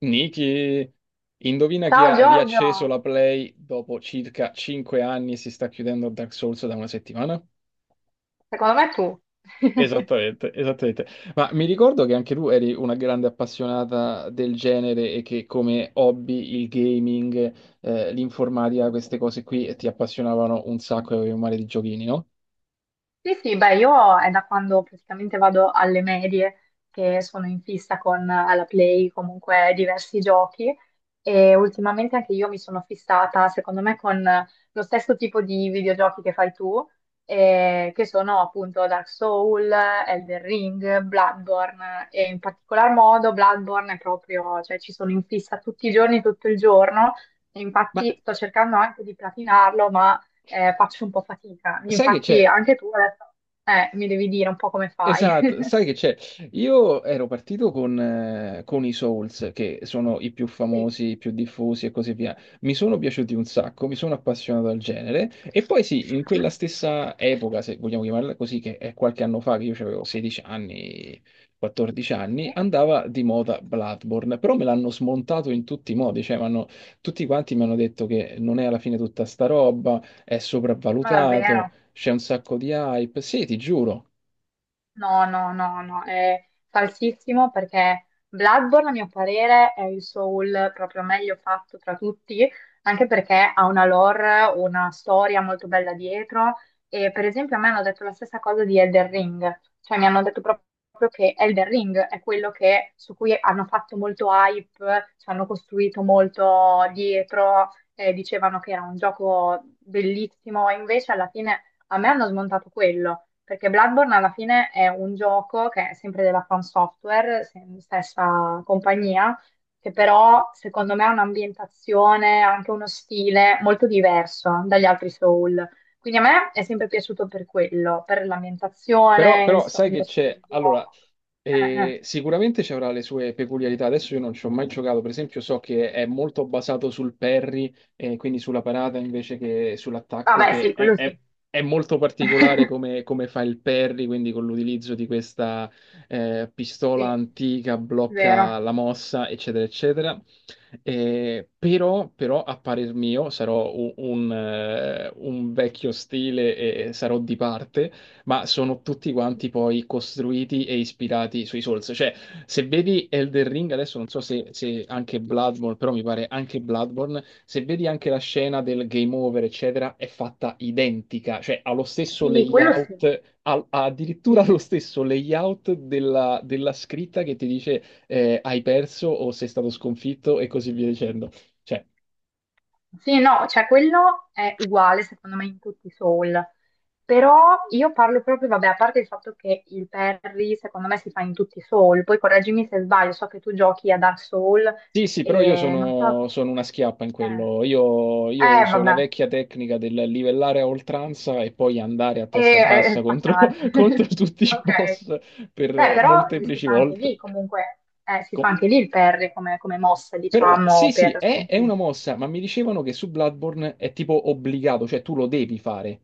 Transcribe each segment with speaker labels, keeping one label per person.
Speaker 1: Niki, indovina chi
Speaker 2: Ciao
Speaker 1: ha riacceso
Speaker 2: Giorgio,
Speaker 1: la Play dopo circa 5 anni e si sta chiudendo Dark Souls da una settimana?
Speaker 2: secondo me tu.
Speaker 1: Esattamente, esattamente. Ma mi ricordo che anche tu eri una grande appassionata del genere e che come hobby il gaming, l'informatica, queste cose qui ti appassionavano un sacco e avevi un mare di giochini, no?
Speaker 2: Sì, sì, beh, io è da quando praticamente vado alle medie che sono in fissa con la Play, comunque diversi giochi e ultimamente anche io mi sono fissata, secondo me, con lo stesso tipo di videogiochi che fai tu, che sono appunto Dark Soul, Elden Ring, Bloodborne e in particolar modo Bloodborne è proprio, cioè ci sono in fissa tutti i giorni, tutto il giorno. E
Speaker 1: Ma
Speaker 2: infatti sto cercando anche di platinarlo, ma faccio un po' fatica.
Speaker 1: sai che
Speaker 2: Infatti
Speaker 1: c'è?
Speaker 2: anche tu adesso mi devi dire un po' come fai.
Speaker 1: Esatto, sai che c'è? Io ero partito con i Souls, che sono i più
Speaker 2: Sì,
Speaker 1: famosi, i più diffusi e così via. Mi sono piaciuti un sacco, mi sono appassionato al genere. E poi sì, in
Speaker 2: mhm.
Speaker 1: quella stessa epoca, se vogliamo chiamarla così, che è qualche anno fa, che io avevo 16 anni, 14 anni,
Speaker 2: Sì,
Speaker 1: andava di moda Bloodborne, però me l'hanno smontato in tutti i modi, cioè tutti quanti mi hanno detto che non è alla fine tutta sta roba, è
Speaker 2: ma
Speaker 1: sopravvalutato,
Speaker 2: davvero.
Speaker 1: c'è un sacco di hype. Sì, ti giuro.
Speaker 2: No, no, no, no, è falsissimo perché Bloodborne, a mio parere, è il soul proprio meglio fatto tra tutti, anche perché ha una lore, una storia molto bella dietro e per esempio a me hanno detto la stessa cosa di Elden Ring, cioè mi hanno detto proprio che Elden Ring è quello su cui hanno fatto molto hype, ci hanno costruito molto dietro, dicevano che era un gioco bellissimo, e invece alla fine a me hanno smontato quello. Perché Bloodborne alla fine è un gioco che è sempre della From Software, stessa compagnia, che però secondo me ha un'ambientazione, anche uno stile molto diverso dagli altri Soul. Quindi a me è sempre piaciuto per quello, per
Speaker 1: Però,
Speaker 2: l'ambientazione,
Speaker 1: però
Speaker 2: insomma,
Speaker 1: sai che
Speaker 2: lo stile
Speaker 1: c'è,
Speaker 2: di
Speaker 1: allora,
Speaker 2: gioco. Eh.
Speaker 1: sicuramente ci avrà le sue peculiarità. Adesso io non ci ho mai giocato, per esempio, so che è molto basato sul parry, quindi sulla parata invece che sull'attacco,
Speaker 2: Vabbè, sì, quello sì.
Speaker 1: è molto particolare come, come fa il parry, quindi con l'utilizzo di questa pistola
Speaker 2: Sì,
Speaker 1: antica, blocca
Speaker 2: vero.
Speaker 1: la mossa, eccetera, eccetera. Però, però, a parer mio, sarò un vecchio stile e sarò di parte, ma sono tutti quanti poi costruiti e ispirati sui Souls. Cioè, se vedi Elden Ring, adesso non so se, se anche Bloodborne, però mi pare anche Bloodborne, se vedi anche la scena del game over, eccetera, è fatta identica, cioè ha lo stesso
Speaker 2: Sì, quello sì.
Speaker 1: layout, ha addirittura
Speaker 2: Sì.
Speaker 1: lo stesso layout della, della scritta che ti dice hai perso o sei stato sconfitto e così via dicendo. Cioè,
Speaker 2: Sì, no, cioè quello è uguale secondo me in tutti i soul, però io parlo proprio, vabbè, a parte il fatto che il Perry secondo me si fa in tutti i soul, poi correggimi se sbaglio, so che tu giochi a Dark Soul
Speaker 1: sì, sì, però io
Speaker 2: e non so
Speaker 1: sono, sono una schiappa in
Speaker 2: se... Eh,
Speaker 1: quello. Io uso la
Speaker 2: vabbè,
Speaker 1: vecchia tecnica del livellare a oltranza e poi andare a testa
Speaker 2: e
Speaker 1: bassa contro,
Speaker 2: spaccare.
Speaker 1: contro tutti i
Speaker 2: Ok.
Speaker 1: boss per
Speaker 2: Beh, però si
Speaker 1: molteplici
Speaker 2: fa anche lì
Speaker 1: volte.
Speaker 2: comunque, si fa
Speaker 1: Co-
Speaker 2: anche lì il Perry come, come mossa,
Speaker 1: Però
Speaker 2: diciamo,
Speaker 1: sì, sì,
Speaker 2: per
Speaker 1: è una
Speaker 2: sconfiggere.
Speaker 1: mossa, ma mi dicevano che su Bloodborne è tipo obbligato, cioè tu lo devi fare,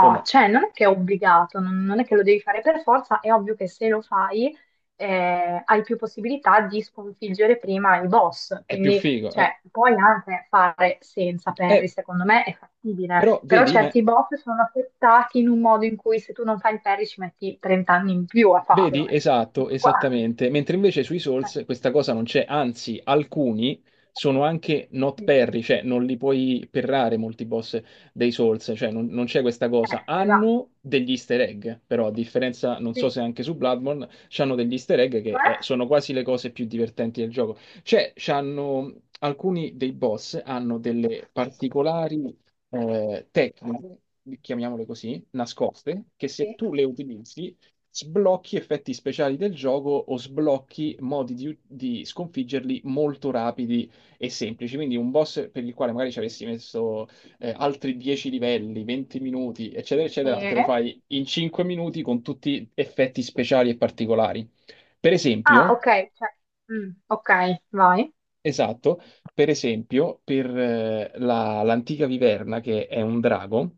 Speaker 1: o no?
Speaker 2: cioè non è che è obbligato, non, non è che lo devi fare per forza, è ovvio che se lo fai hai più possibilità di sconfiggere prima i boss,
Speaker 1: È più
Speaker 2: quindi
Speaker 1: figo, eh.
Speaker 2: cioè, puoi anche fare senza Perry,
Speaker 1: Eh,
Speaker 2: secondo me è fattibile,
Speaker 1: però
Speaker 2: però certi boss sono affettati in un modo in cui se tu non fai il Perry ci metti 30 anni in più a
Speaker 1: vedi?
Speaker 2: farlo, ecco,
Speaker 1: Esatto,
Speaker 2: tutto qua.
Speaker 1: esattamente. Mentre invece sui Souls
Speaker 2: Eh,
Speaker 1: questa cosa non c'è, anzi, alcuni sono anche not
Speaker 2: sì,
Speaker 1: parry, cioè non li puoi perrare molti boss dei Souls, cioè non, non c'è questa cosa.
Speaker 2: esatto,
Speaker 1: Hanno degli easter egg, però a differenza, non so
Speaker 2: sì,
Speaker 1: se anche su Bloodborne, c'hanno degli easter egg che
Speaker 2: cioè?
Speaker 1: sono quasi le cose più divertenti del gioco. Cioè, c'hanno, alcuni dei boss hanno delle particolari tecniche, chiamiamole così, nascoste, che se
Speaker 2: Sì,
Speaker 1: tu le utilizzi sblocchi effetti speciali del gioco o sblocchi modi di sconfiggerli molto rapidi e semplici. Quindi un boss per il quale magari ci avessi messo altri 10 livelli, 20 minuti, eccetera,
Speaker 2: sì.
Speaker 1: eccetera, te lo
Speaker 2: Sì.
Speaker 1: fai in 5 minuti con tutti effetti speciali e particolari. Per
Speaker 2: Ah,
Speaker 1: esempio,
Speaker 2: ok, cioè, mm, ok, vai,
Speaker 1: esatto, per esempio, per l'antica viverna, che è un drago,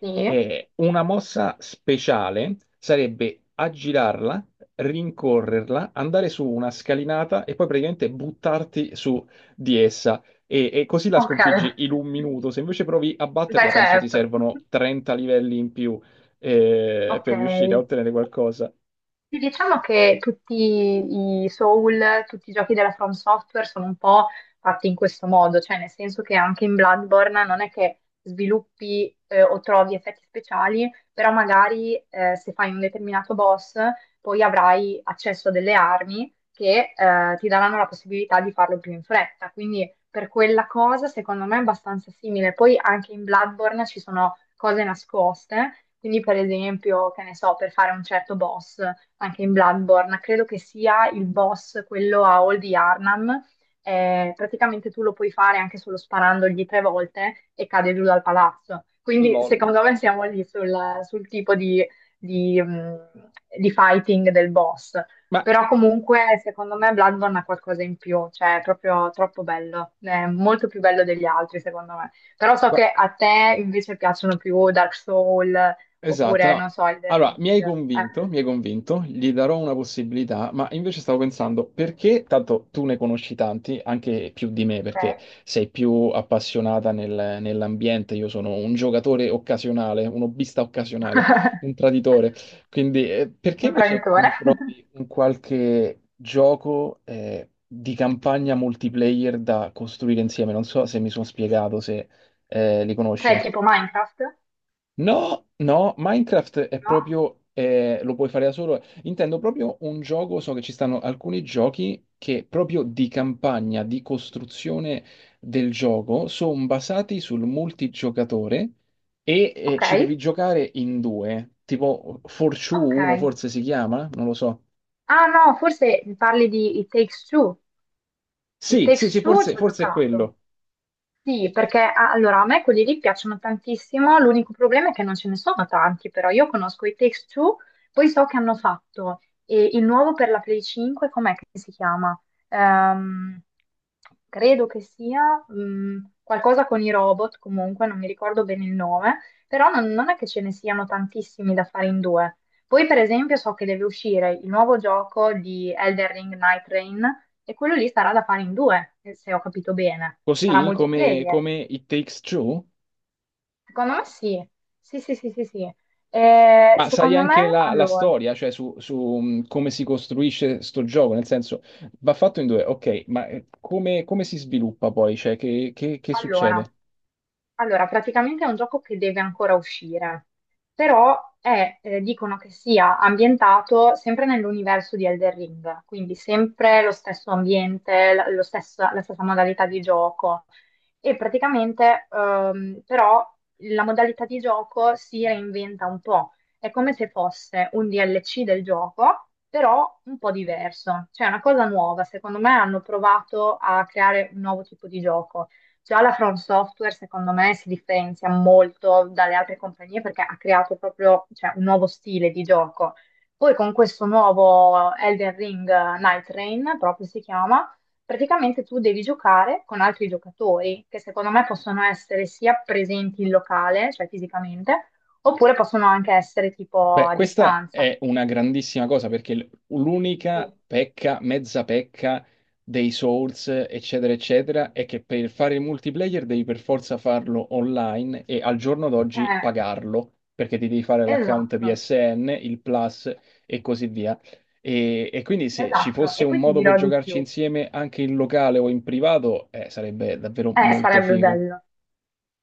Speaker 2: sì,
Speaker 1: e una mossa speciale sarebbe aggirarla, rincorrerla, andare su una scalinata e poi praticamente buttarti su di essa. E così la
Speaker 2: ok.
Speaker 1: sconfiggi in un minuto. Se invece provi a batterla,
Speaker 2: Beh,
Speaker 1: penso ti
Speaker 2: certo.
Speaker 1: servono 30 livelli in più
Speaker 2: Ok.
Speaker 1: per riuscire a ottenere qualcosa.
Speaker 2: Sì, diciamo che tutti i Soul, tutti i giochi della From Software sono un po' fatti in questo modo, cioè nel senso che anche in Bloodborne non è che sviluppi o trovi effetti speciali, però magari se fai un determinato boss poi avrai accesso a delle armi che ti daranno la possibilità di farlo più in fretta, quindi per quella cosa secondo me è abbastanza simile. Poi anche in Bloodborne ci sono cose nascoste, quindi per esempio, che ne so, per fare un certo boss anche in Bloodborne, credo che sia il boss, quello a Old Yarnam. Praticamente tu lo puoi fare anche solo sparandogli tre volte e cade giù dal palazzo. Quindi
Speaker 1: LOL.
Speaker 2: secondo me siamo lì sul tipo di, mh, di fighting del boss.
Speaker 1: Ma
Speaker 2: Però comunque secondo me Bloodborne ha qualcosa in più, cioè è proprio troppo bello, è molto più bello degli altri secondo me. Però so
Speaker 1: guarda,
Speaker 2: che a te invece piacciono più Dark Soul
Speaker 1: esatto,
Speaker 2: oppure
Speaker 1: no.
Speaker 2: non so, Elden
Speaker 1: Allora,
Speaker 2: Ring.
Speaker 1: mi hai convinto, gli darò una possibilità, ma invece stavo pensando perché, tanto tu ne conosci tanti, anche più di me,
Speaker 2: Ok.
Speaker 1: perché sei più appassionata nell'ambiente, io sono un giocatore occasionale, un hobbista occasionale, un traditore, quindi perché invece
Speaker 2: Imprenditore?
Speaker 1: non trovi un qualche gioco di campagna multiplayer da costruire insieme? Non so se mi sono spiegato, se li
Speaker 2: Cioè
Speaker 1: conosci.
Speaker 2: tipo Minecraft?
Speaker 1: No, no, Minecraft è
Speaker 2: No?
Speaker 1: proprio, lo puoi fare da solo. Intendo proprio un gioco, so che ci stanno alcuni giochi che proprio di campagna, di costruzione del gioco, sono basati sul multigiocatore e
Speaker 2: Ok,
Speaker 1: ci devi giocare in due, tipo Fortune
Speaker 2: ok.
Speaker 1: 1 forse si chiama, non lo so.
Speaker 2: Ah no, forse mi parli di It Takes Two. It
Speaker 1: Sì, sì,
Speaker 2: Takes
Speaker 1: sì,
Speaker 2: Two
Speaker 1: forse,
Speaker 2: ci ho
Speaker 1: forse è
Speaker 2: giocato.
Speaker 1: quello.
Speaker 2: Sì, perché allora a me quelli lì piacciono tantissimo, l'unico problema è che non ce ne sono tanti, però io conosco i Takes-Two, poi so che hanno fatto il nuovo per la Play 5, com'è che si chiama? Ehm, credo che sia qualcosa con i robot, comunque non mi ricordo bene il nome, però non, non è che ce ne siano tantissimi da fare in due. Poi per esempio so che deve uscire il nuovo gioco di Elden Ring Night Rain, e quello lì sarà da fare in due, se ho capito bene. Sarà
Speaker 1: Così come,
Speaker 2: multiplayer.
Speaker 1: come It Takes Two?
Speaker 2: Secondo me sì. Sì, sì, sì, sì, sì.
Speaker 1: Ma sai
Speaker 2: Secondo me,
Speaker 1: anche la, la storia, cioè come si costruisce sto gioco, nel senso va fatto in due, ok, ma come, come si sviluppa poi? Cioè, che
Speaker 2: allora,
Speaker 1: succede?
Speaker 2: Allora, praticamente è un gioco che deve ancora uscire, però è, dicono che sia ambientato sempre nell'universo di Elden Ring, quindi sempre lo stesso ambiente, la stessa modalità di gioco. E praticamente, però, la modalità di gioco si reinventa un po'. È come se fosse un DLC del gioco, però un po' diverso. Cioè, è una cosa nuova. Secondo me hanno provato a creare un nuovo tipo di gioco. Già la From Software, secondo me, si differenzia molto dalle altre compagnie perché ha creato proprio, cioè, un nuovo stile di gioco. Poi con questo nuovo Elden Ring Night Rain, proprio si chiama, praticamente tu devi giocare con altri giocatori che secondo me possono essere sia presenti in locale, cioè fisicamente, oppure possono anche essere tipo
Speaker 1: Beh,
Speaker 2: a
Speaker 1: questa
Speaker 2: distanza.
Speaker 1: è una grandissima cosa perché l'unica
Speaker 2: Sì.
Speaker 1: pecca, mezza pecca dei Souls, eccetera, eccetera, è che per fare il multiplayer devi per forza farlo online e al giorno d'oggi
Speaker 2: Eh,
Speaker 1: pagarlo perché ti devi fare l'account
Speaker 2: esatto,
Speaker 1: PSN, il Plus e così via. E quindi se ci
Speaker 2: esatto.
Speaker 1: fosse
Speaker 2: E
Speaker 1: un
Speaker 2: poi ti
Speaker 1: modo per
Speaker 2: dirò di
Speaker 1: giocarci
Speaker 2: più.
Speaker 1: insieme anche in locale o in privato, sarebbe davvero molto
Speaker 2: Sarebbe
Speaker 1: figo.
Speaker 2: bello.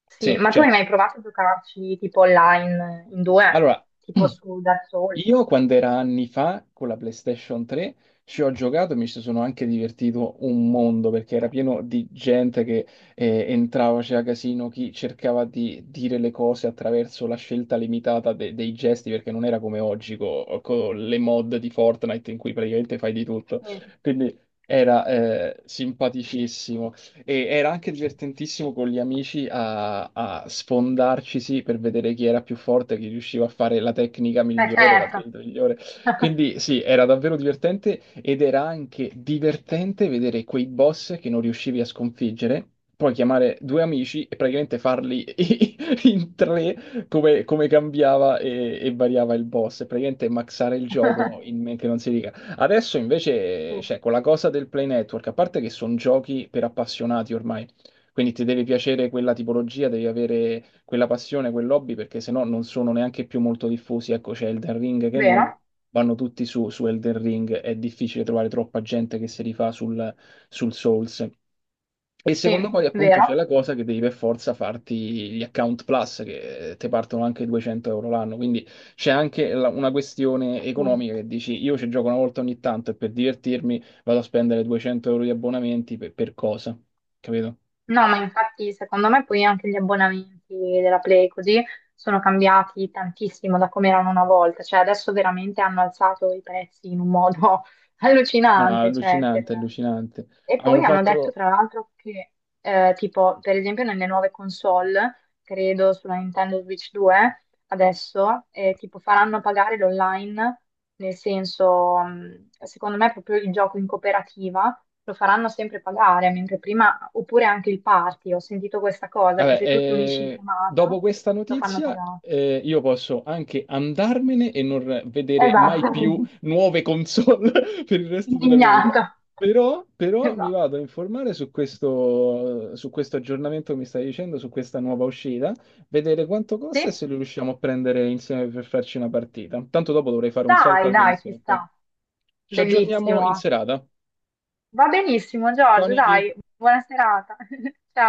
Speaker 2: Sì,
Speaker 1: Sì,
Speaker 2: ma tu hai
Speaker 1: cioè,
Speaker 2: mai provato a giocarci tipo online in due?
Speaker 1: allora.
Speaker 2: Tipo su Dark Souls?
Speaker 1: Io quando era anni fa con la PlayStation 3 ci ho giocato e mi ci sono anche divertito un mondo perché era pieno di gente che entrava, c'era casino, chi cercava di dire le cose attraverso la scelta limitata dei gesti perché non era come oggi con le mod di Fortnite in cui praticamente fai di tutto.
Speaker 2: Sì,
Speaker 1: Quindi era simpaticissimo. E era anche divertentissimo con gli amici a, a sfondarci, sì, per vedere chi era più forte, chi riusciva a fare la tecnica
Speaker 2: beh
Speaker 1: migliore, la
Speaker 2: certo.
Speaker 1: build migliore. Quindi sì, era davvero divertente ed era anche divertente vedere quei boss che non riuscivi a sconfiggere, poi chiamare due amici e praticamente farli in tre, come, come cambiava e variava il boss, e praticamente maxare il gioco in men che non si dica. Adesso
Speaker 2: Sì,
Speaker 1: invece, cioè, con la cosa del Play Network, a parte che sono giochi per appassionati ormai, quindi ti deve piacere quella tipologia, devi avere quella passione, quell'hobby, perché sennò non sono neanche più molto diffusi. Ecco, c'è Elden Ring che è
Speaker 2: vero?
Speaker 1: nuovo, vanno tutti su, su Elden Ring, è difficile trovare troppa gente che si rifà sul, sul Souls. E secondo
Speaker 2: Sì,
Speaker 1: poi appunto
Speaker 2: vero?
Speaker 1: c'è la cosa che devi per forza farti gli account plus che ti partono anche 200 € l'anno, quindi c'è anche una questione
Speaker 2: Sì.
Speaker 1: economica che dici io ci gioco una volta ogni tanto e per divertirmi vado a spendere 200 € di abbonamenti per cosa? Capito?
Speaker 2: No, ma infatti secondo me poi anche gli abbonamenti della Play così sono cambiati tantissimo da come erano una volta, cioè adesso veramente hanno alzato i prezzi in un modo
Speaker 1: No,
Speaker 2: allucinante, cioè,
Speaker 1: allucinante, allucinante.
Speaker 2: e
Speaker 1: Avevano
Speaker 2: poi hanno detto
Speaker 1: fatto,
Speaker 2: tra l'altro che tipo per esempio nelle nuove console, credo sulla Nintendo Switch 2, adesso, tipo faranno pagare l'online, nel senso, secondo me proprio il gioco in cooperativa lo faranno sempre pagare, mentre prima, oppure anche il party, ho sentito questa cosa, che
Speaker 1: vabbè,
Speaker 2: se tu ti unisci in
Speaker 1: dopo
Speaker 2: chiamata
Speaker 1: questa
Speaker 2: lo fanno
Speaker 1: notizia,
Speaker 2: pagare.
Speaker 1: io posso anche andarmene e non vedere mai
Speaker 2: Esatto,
Speaker 1: più nuove console per il resto della mia vita.
Speaker 2: indignata.
Speaker 1: Però, però mi
Speaker 2: Esatto.
Speaker 1: vado a informare su questo aggiornamento che mi stai dicendo, su questa nuova uscita, vedere quanto
Speaker 2: Sì?
Speaker 1: costa e se lo riusciamo a prendere insieme per farci una partita. Tanto dopo dovrei fare un salto
Speaker 2: Dai,
Speaker 1: al
Speaker 2: dai, ci
Speaker 1: GameStop.
Speaker 2: sta.
Speaker 1: Ci aggiorniamo in
Speaker 2: Bellissimo.
Speaker 1: serata.
Speaker 2: Va benissimo,
Speaker 1: Ciao
Speaker 2: Giorgio,
Speaker 1: Niki.
Speaker 2: dai, buona serata. Ciao.